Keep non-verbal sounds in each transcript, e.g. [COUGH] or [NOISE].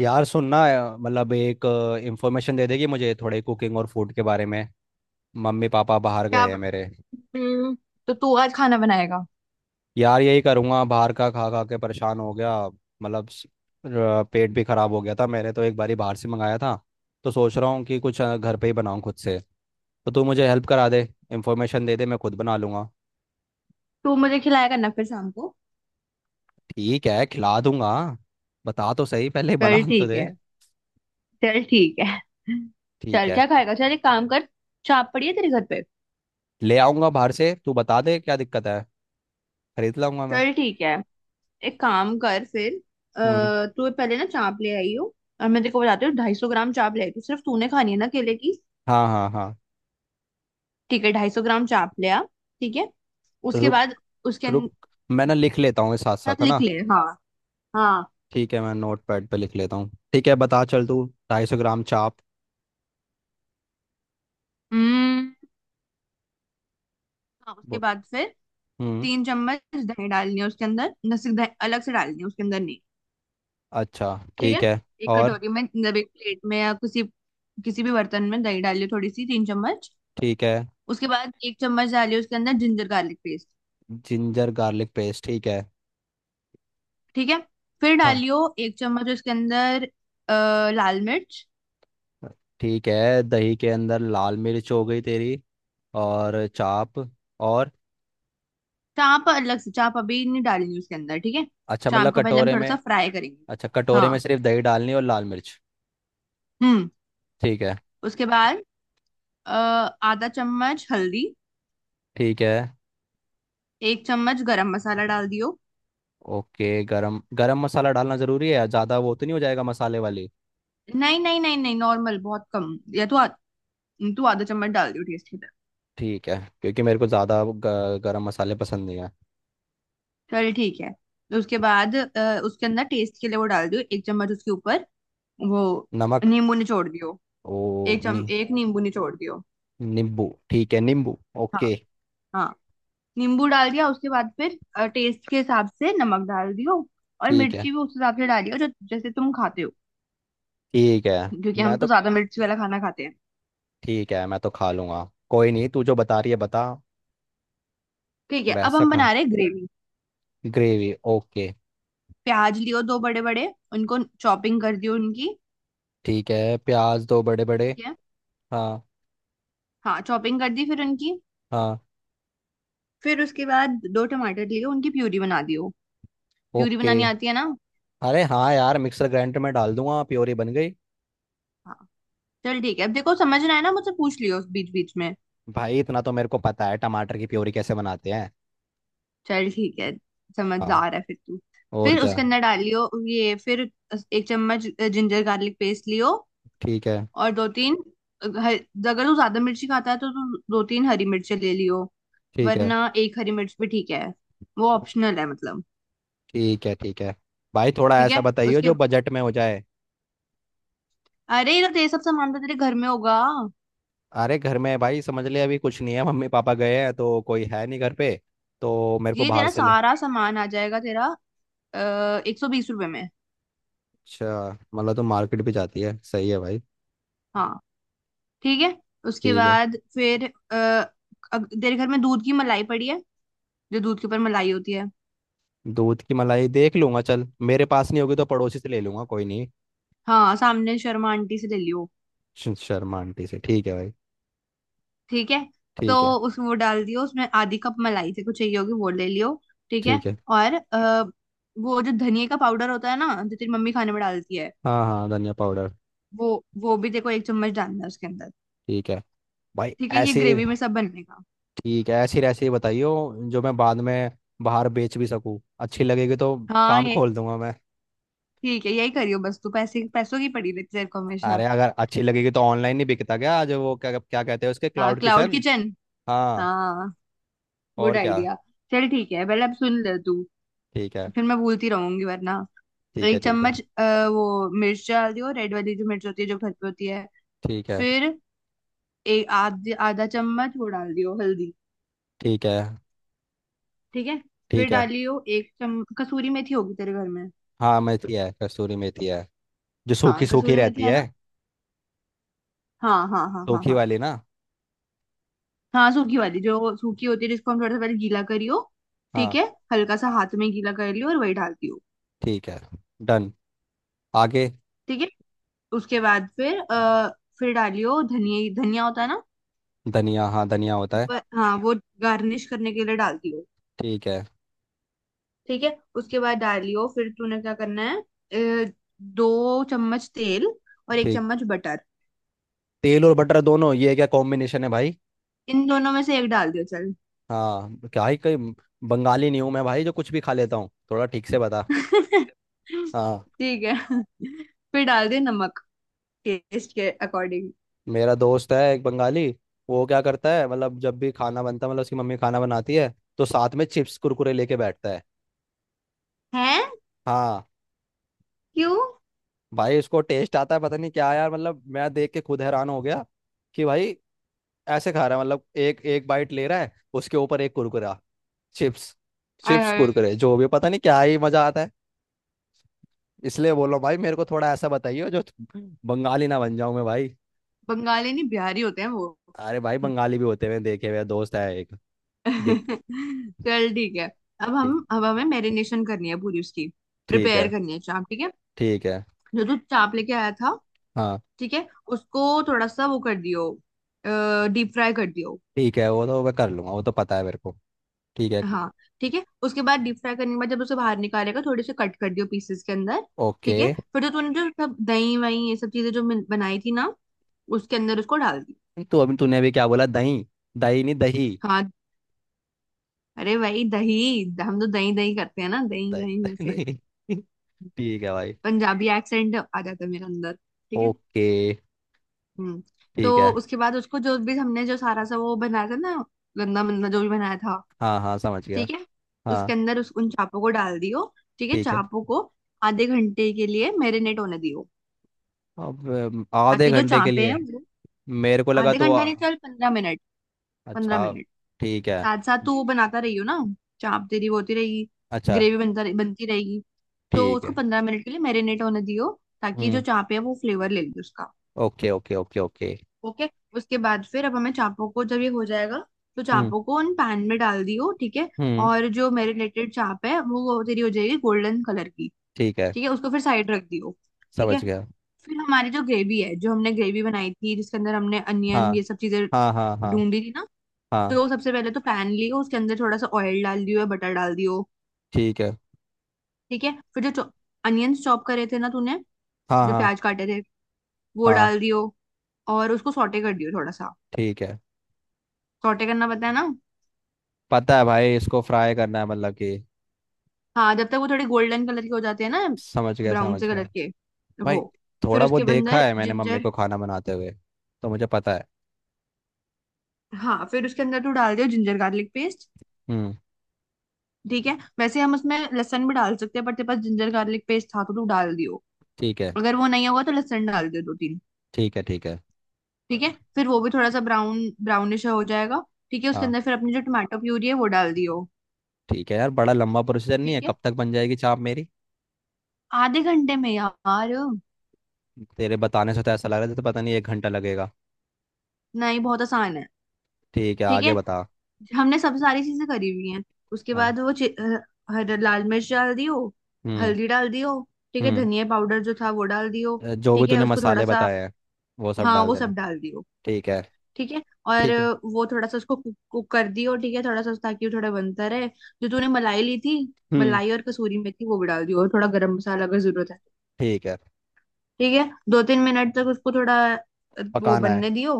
यार सुनना। मतलब एक इंफॉर्मेशन दे देगी मुझे थोड़े कुकिंग और फूड के बारे में। मम्मी पापा बाहर क्या। गए हैं मेरे। हम्म, तो तू आज खाना बनाएगा। यार यही करूँगा, बाहर का खा खा के परेशान हो गया। मतलब पेट भी खराब हो गया था, मैंने तो एक बारी बाहर से मंगाया था। तो सोच रहा हूँ कि कुछ घर पे ही बनाऊँ खुद से। तो तू मुझे हेल्प करा दे, इंफॉर्मेशन दे दे, मैं खुद बना लूँगा। तू मुझे खिलाया करना फिर शाम को। ठीक है, खिला दूंगा। बता तो सही, पहले चल बना तो ठीक दे। है। चल ठीक है। ठीक चल है। क्या खाएगा। चल एक काम कर। चाप पड़ी है तेरे घर पे। ले आऊँगा बाहर से, तू बता दे क्या दिक्कत है, खरीद लाऊंगा मैं। चल ठीक है। एक काम कर फिर। हम्म। अः तू पहले ना चाप ले आई हो। और मैं तेरे को बताती हूँ 250 ग्राम चाप ले आई। तू सिर्फ तूने खानी है ना केले की। हाँ हाँ हाँ। ठीक है। 250 ग्राम चाप ले आ। ठीक है। उसके रुक। बाद। उसके अन- रुक, मैं ना लिख लेता हूँ साथ साथ साथ, है ना। लिख ले। हाँ। हाँ। ठीक है, मैं नोट पैड पे लिख लेता हूँ, ठीक है बता, चल तू। 250 ग्राम चाप। हम्म। हाँ। उसके बो- बाद फिर हम्म। 3 चम्मच दही डालनी है उसके अंदर न। सिर्फ दही अलग से डालनी है उसके अंदर नहीं। अच्छा ठीक है। ठीक है। एक और। कटोरी में मतलब एक प्लेट में या किसी किसी भी बर्तन में दही डालिए थोड़ी सी 3 चम्मच। ठीक है। उसके बाद 1 चम्मच डालिए उसके अंदर ginger garlic paste. Ginger garlic paste, ठीक है। ठीक है। फिर हाँ। डालियो 1 चम्मच उसके अंदर लाल मिर्च। ठीक है, दही के अंदर लाल मिर्च हो गई तेरी। और चाप। और। चाप अलग से। चाप अभी नहीं डालनी उसके अंदर। ठीक है। अच्छा, मतलब चाप को पहले हम कटोरे थोड़ा सा में। फ्राई करेंगे। अच्छा, कटोरे में हाँ। सिर्फ दही डालनी और लाल मिर्च। हम्म। ठीक है। उसके बाद अ, आधा चम्मच हल्दी। ठीक है। एक चम्मच गरम मसाला डाल दियो। ओके, गरम गरम मसाला डालना ज़रूरी है, ज़्यादा वो तो नहीं हो जाएगा मसाले वाली। नहीं नहीं नहीं नहीं नॉर्मल बहुत कम या तो तू आधा चम्मच डाल दियो टेस्ट के। ठीक है। क्योंकि मेरे को ज़्यादा गरम मसाले पसंद नहीं है। चल ठीक है। तो उसके बाद उसके अंदर टेस्ट के लिए वो डाल दियो 1 चम्मच उसके ऊपर वो नमक। नींबू निचोड़ दियो। ओ नि, एक नींबू निचोड़ दियो। नींबू ठीक है, नींबू। हाँ। ओके। हाँ। नींबू डाल दिया उसके बाद फिर टेस्ट के हिसाब से नमक डाल दियो। और ठीक है। मिर्ची भी उस हिसाब से डालियो जो जैसे तुम खाते हो। ठीक है, क्योंकि हम मैं तो। तो ज्यादा मिर्ची वाला खाना खाते हैं। ठीक है, मैं तो खा लूँगा। कोई नहीं, तू जो बता रही है बता, ठीक है। अब वैसा हम खा। बना रहे ग्रेवी। Gravy, okay. प्याज लियो दो बड़े बड़े। उनको चॉपिंग कर दियो उनकी। ठीक है, प्याज दो बड़े बड़े। ठीक है। हाँ। हाँ। चॉपिंग कर दी फिर उनकी। हाँ। फिर उसके बाद दो टमाटर लियो उनकी प्यूरी बना दियो। Puree okay. बनानी आती है ना। अरे हाँ यार, मिक्सर ग्राइंडर में डाल दूंगा, प्योरी बन गई। हाँ। चल ठीक है। अब देखो समझना है ना मुझसे पूछ लियो बीच बीच में। भाई इतना तो मेरे को पता है टमाटर की प्योरी कैसे बनाते हैं। चल ठीक है। समझ जा हाँ। रहा है फिर तू। और फिर क्या। उसके अंदर डाल लियो ये फिर एक चम्मच जिंजर गार्लिक पेस्ट लियो। ठीक है। और दो तीन अगर तू ज्यादा मिर्ची खाता है तो तू दो तीन हरी मिर्ची ले लियो। ठीक है। वरना एक हरी मिर्च भी ठीक है। वो ऑप्शनल है मतलब। ठीक है। ठीक है। भाई थोड़ा ठीक ऐसा है। बताइए उसके जो बजट में हो जाए। अरे ये तो तेरे सब सामान तो तेरे घर में होगा। अरे घर में भाई समझ ले, अभी कुछ नहीं है, मम्मी पापा गए हैं तो कोई है नहीं घर पे। तो मेरे को ये बाहर तेरा से ले। सारा सामान आ जाएगा तेरा 120 रुपए में। अच्छा। मतलब तो मार्केट भी जाती है, सही है भाई। हाँ। ठीक है। उसके ठीक है। बाद फिर अ, तेरे घर में दूध की मलाई पड़ी है जो दूध के ऊपर मलाई होती है। दूध की मलाई देख लूंगा, चल मेरे पास नहीं होगी तो पड़ोसी से ले लूंगा, कोई नहीं। हाँ सामने शर्मा आंटी से ले लियो। शर्मा आंटी से ठीक है भाई। ठीक है। तो ठीक है। उस वो डाल दियो उसमें आधी कप मलाई से कुछ चाहिए होगी वो ले लियो। ठीक है। ठीक है। और वो जो धनिया का पाउडर होता है ना जो तेरी मम्मी खाने में डालती है हाँ हाँ, धनिया पाउडर। वो वो भी देखो 1 चम्मच डालना है उसके अंदर। ठीक है। भाई। ठीक है। ये ऐसी। ग्रेवी में सब बनने का। ठीक है, ऐसी रेसिपी बताइयो जो मैं बाद में बाहर बेच भी सकूँ, अच्छी लगेगी तो हाँ। काम ये खोल दूंगा मैं। ठीक है। यही करियो बस तू पैसे पैसों की पड़ी रहती है तेरे को हमेशा। अरे, अगर अच्छी लगेगी तो ऑनलाइन नहीं बिकता क्या आज, वो क्या क्या कहते हैं उसके, हाँ क्लाउड क्लाउड किचन। किचन। हाँ। हाँ। गुड और क्या। आइडिया। चल ठीक है। पहले अब सुन ले तू ठीक है। फिर मैं भूलती रहूंगी वरना। ठीक है। एक ठीक है। चम्मच वो मिर्च डाल दियो रेड वाली जो मिर्च होती है जो घर पे होती है। ठीक है। फिर एक आध आधा चम्मच वो डाल दियो हल्दी। ठीक है। ठीक है। फिर ठीक है। डालियो एक चम कसूरी मेथी होगी तेरे घर में। हाँ मेथी है, कसूरी मेथी है, जो सूखी हाँ सूखी कसूरी मेथी रहती है है। ना। हाँ हाँ हाँ हाँ सूखी हाँ। वाली ना। हाँ सूखी वाली जो सूखी होती है जिसको हम थोड़ा सा पहले गीला करियो। ठीक हाँ। है। हल्का सा हाथ में गीला कर लियो और वही डाल दियो। ठीक है। डन, आगे। ठीक है। उसके बाद फिर फिर डालियो धनिया। धनिया होता है ना। धनिया, हाँ धनिया होता है। ऊपर हाँ वो गार्निश करने के लिए डाल दियो। ठीक है। ठीक है। उसके बाद डालियो फिर तूने क्या करना है अ, 2 चम्मच तेल और एक ठीक। चम्मच बटर। तेल और बटर दोनों, ये क्या कॉम्बिनेशन है भाई। इन दोनों में से एक डाल दियो चल। हाँ क्या ही कहीं। बंगाली नहीं हूँ मैं भाई, जो कुछ भी खा लेता हूँ, थोड़ा ठीक से बता। [LAUGHS] हाँ। ठीक है। फिर डाल दियो नमक टेस्ट के अकॉर्डिंग। मेरा दोस्त है एक बंगाली। वो क्या करता है, मतलब जब भी खाना बनता है, मतलब उसकी मम्मी खाना बनाती है, तो साथ में चिप्स कुरकुरे लेके बैठता है। है। हाँ। क्यों। भाई उसको टेस्ट आता है, पता नहीं क्या यार, मतलब मैं देख के खुद हैरान हो गया कि भाई ऐसे खा रहा है। मतलब एक एक बाइट ले रहा है, उसके ऊपर एक कुरकुरा, चिप्स, आय चिप्स हाय। कुरकुरे जो भी, पता नहीं क्या ही मजा आता है। इसलिए बोलो भाई मेरे को, थोड़ा ऐसा बताइए जो बंगाली ना बन जाऊं मैं भाई। बंगाली नहीं बिहारी होते हैं वो। अरे भाई, [LAUGHS] बंगाली भी होते हुए देखे हुए, दोस्त है एक। दिख। चल ठीक है। अब हमें मैरिनेशन करनी है पूरी उसकी। ठीक प्रिपेयर है। करनी है चाप। ठीक है। ठीक है। जो तू चाप लेके आया था। हाँ। ठीक है। उसको थोड़ा सा वो कर दियो। डीप फ्राई कर दियो। ठीक है, वो तो मैं कर लूंगा, वो तो पता है मेरे को। ठीक है। हाँ। ठीक है। उसके बाद डीप फ्राई करने के बाद जब उसे बाहर निकालेगा थोड़े से कट कर दियो पीसेस के अंदर। ओके। ठीक है। फिर जो तूने जो सब दही वही ये सब चीजें जो बनाई थी ना उसके अंदर उसको डाल दी। तू अभी, तूने अभी क्या बोला, दही। दही नहीं, दही। हाँ। अरे भाई दही। हम तो दही दही करते हैं ना। दही दही दही दही ऐसे। नहीं। [LAUGHS] ठीक है भाई। पंजाबी एक्सेंट आ जाता है मेरे अंदर। ठीक है। ओके। हम्म। तो ठीक है। उसके बाद उसको जो भी हमने जो सारा सा वो बनाया था ना गंदा मंदा जो भी बनाया था। हाँ हाँ समझ गया। ठीक है। उसके हाँ। अंदर उस उन चापों को डाल दियो। ठीक है। ठीक है। चापों को आधे घंटे के लिए मैरिनेट होने दियो। अब आधे ताकि जो घंटे के चापे हैं लिए। वो मेरे को लगा आधे तो घंटा नहीं। चल 15 मिनट। पंद्रह अच्छा मिनट ठीक है। साथ साथ तू वो बनाता रहियो ना। चाप तेरी वो होती रहेगी। अच्छा ग्रेवी बनती रहेगी। तो ठीक उसको है। 15 मिनट के लिए मैरिनेट होने दियो ताकि जो हम्म। चापे है वो फ्लेवर ले ले उसका। Okay okay okay okay. Okay. उसके बाद फिर अब हमें चापों को जब ये हो जाएगा तो हम्म। चापों को उन पैन में डाल दियो। ठीक है। हम्म। और जो मैरिनेटेड चाप है वो तेरी हो जाएगी गोल्डन कलर की। ठीक है, ठीक है। उसको फिर साइड रख दियो। ठीक है। समझ गया। फिर हमारी जो ग्रेवी है जो हमने ग्रेवी बनाई थी जिसके अंदर हमने अनियन हाँ ये सब चीजें हाँ हाँ हाँ ढूंढी थी ना। हाँ। तो सबसे पहले तो पैन लियो उसके अंदर थोड़ा सा ऑयल डाल दियो या बटर डाल दियो। ठीक है। ठीक है। फिर जो अनियंस चॉप करे थे ना तूने हाँ जो हाँ प्याज काटे थे वो हाँ। डाल दियो। और उसको सॉटे कर दियो थोड़ा सा। ठीक है, सॉटे करना पता है ना। पता है भाई, इसको फ्राई करना है मतलब कि। हाँ जब तक वो थोड़े गोल्डन कलर के हो जाते हैं ना। समझ गया, ब्राउन से समझ गया। कलर के भाई, वो। फिर थोड़ा बहुत उसके देखा अंदर है मैंने मम्मी जिंजर। को खाना बनाते हुए, तो मुझे पता है। हाँ फिर उसके अंदर तू डाल दियो जिंजर गार्लिक पेस्ट। हम्म। ठीक है। वैसे हम उसमें लहसुन भी डाल सकते हैं पर तेरे पास जिंजर गार्लिक पेस्ट था तो तू डाल दियो। ठीक है। अगर वो नहीं होगा तो लहसुन डाल दियो दो तीन। ठीक है। ठीक है। ठीक है। फिर वो भी थोड़ा सा ब्राउनिश हो जाएगा। ठीक है। उसके हाँ। अंदर फिर अपनी जो टमाटो प्यूरी है वो डाल दियो। ठीक है यार, बड़ा लंबा प्रोसीजर नहीं है, ठीक है। कब तक बन जाएगी चाप मेरी। आधे घंटे में यार। तेरे बताने से तो ऐसा लग रहा था, तो पता नहीं एक घंटा लगेगा। नहीं बहुत आसान है। ठीक है, ठीक है। आगे बता। हमने सब सारी चीजें करी हुई हैं। उसके हाँ। बाद लाल मिर्च डाल दियो। हम्म। हल्दी डाल दियो। ठीक है। हम्म। धनिया पाउडर जो था वो डाल दियो। जो भी ठीक है। तूने उसको थोड़ा मसाले सा। बताए हैं, वो सब हाँ डाल वो देना। सब डाल दियो। ठीक है। ठीक है। और ठीक है। वो थोड़ा सा उसको कुक कर दियो। ठीक है। थोड़ा सा ताकि वो थोड़ा बनता रहे। जो तूने मलाई ली थी हम्म। मलाई और कसूरी मेथी वो भी डाल दियो और थोड़ा गरम मसाला अगर जरूरत है। ठीक है, ठीक है। 2-3 मिनट तक उसको थोड़ा वो पकाना है। बनने दियो।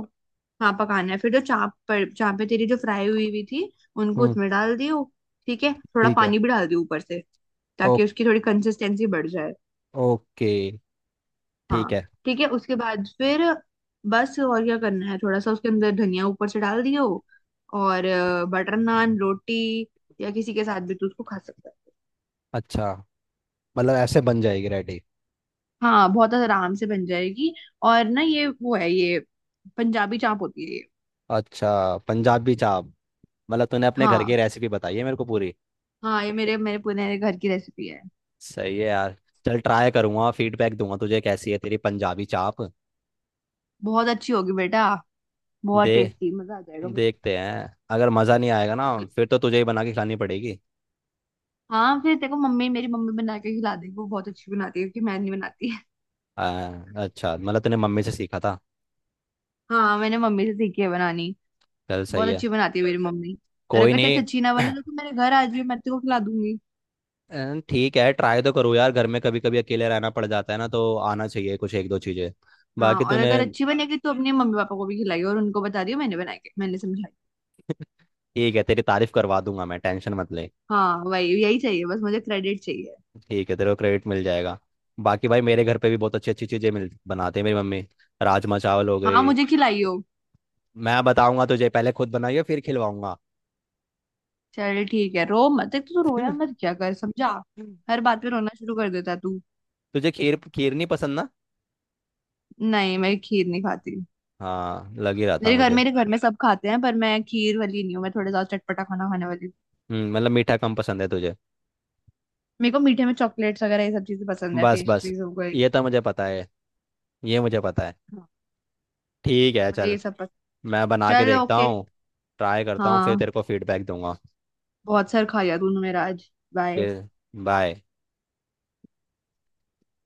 हाँ पकाना है। फिर जो चापे तेरी जो फ्राई हुई हुई थी उनको हम्म। उसमें डाल दियो। ठीक है। थोड़ा ठीक है। पानी भी डाल दियो ऊपर से ओ, ताकि उसकी थोड़ी कंसिस्टेंसी बढ़ जाए। ओके। ठीक हाँ। है। ठीक है। उसके बाद फिर बस और क्या करना है थोड़ा सा उसके अंदर धनिया ऊपर से डाल दियो। और बटर नान रोटी या किसी के साथ भी तू उसको खा सकता है। अच्छा, मतलब ऐसे बन जाएगी रेडी। हाँ बहुत आराम से बन जाएगी। और ना ये वो है ये पंजाबी चाप होती है ये। अच्छा, पंजाबी चाप। मतलब तूने अपने घर हाँ। की रेसिपी बताई है मेरे को पूरी। हाँ ये मेरे मेरे पुराने घर की रेसिपी है। सही है यार। चल, ट्राई करूंगा, फीडबैक दूंगा तुझे, कैसी है तेरी पंजाबी चाप। बहुत अच्छी होगी बेटा। बहुत दे। टेस्टी मजा आ जाएगा बिल्कुल। देखते हैं, अगर मज़ा नहीं आएगा ना, फिर तो तुझे ही बना के खिलानी पड़ेगी। हाँ फिर देखो मम्मी मेरी मम्मी बना के खिला देगी वो बहुत अच्छी बनाती है क्योंकि मैं नहीं बनाती। आ, अच्छा, मतलब तूने मम्मी से सीखा था। हाँ मैंने मम्मी से सीखी है बनानी। चल सही बहुत है। अच्छी बनाती है मेरी मम्मी। और कोई अगर तेरे से नहीं। अच्छी ना [CLEARS THROAT] बने तो तू मेरे घर आज भी मैं तेरे को खिला दूंगी। ठीक है, ट्राई तो करूँ यार, घर में कभी कभी अकेले रहना पड़ जाता है ना, तो आना चाहिए कुछ एक दो चीज़ें। हाँ बाकी और तूने। अगर अच्छी बनेगी तो अपने मम्मी पापा को भी खिलाई और उनको बता दियो मैंने बनाई है, मैंने समझाई। ठीक है, तेरी तारीफ करवा दूंगा मैं, टेंशन मत ले। हाँ वही यही चाहिए बस मुझे क्रेडिट चाहिए। ठीक है, तेरे को क्रेडिट मिल जाएगा। बाकी भाई, मेरे घर पे भी बहुत अच्छी अच्छी चीज़ें मिल बनाते हैं मेरी मम्मी। राजमा चावल हो हाँ गए। मुझे खिलाइयो। मैं बताऊंगा तुझे, पहले खुद बनाइए फिर खिलवाऊंगा। चल ठीक है। रो मत। एक तो तू रोया [LAUGHS] मत क्या कर समझा। हर बात पे रोना शुरू कर देता है तू। तुझे खीर, खीर नहीं पसंद ना। नहीं मैं खीर नहीं खाती। हाँ, लग ही रहा था मुझे। मेरे घर में सब खाते हैं पर मैं खीर वाली नहीं हूँ। मैं थोड़ा ज्यादा चटपटा खाना खाने वाली हूँ। मतलब मीठा कम पसंद है तुझे। मेरे को मीठे में चॉकलेट्स वगैरह ये सब चीजें पसंद है बस बस, पेस्ट्रीज हो गई। ये तो मुझे पता है, ये मुझे पता है। हाँ। ठीक तो है, मुझे चल। ये सब पसंद। मैं बना के चल देखता ओके। हूँ। ट्राई करता हूँ, फिर हाँ तेरे को फीडबैक दूंगा। बहुत सर खाया तूने मेरा आज। बाय। फिर। बाय।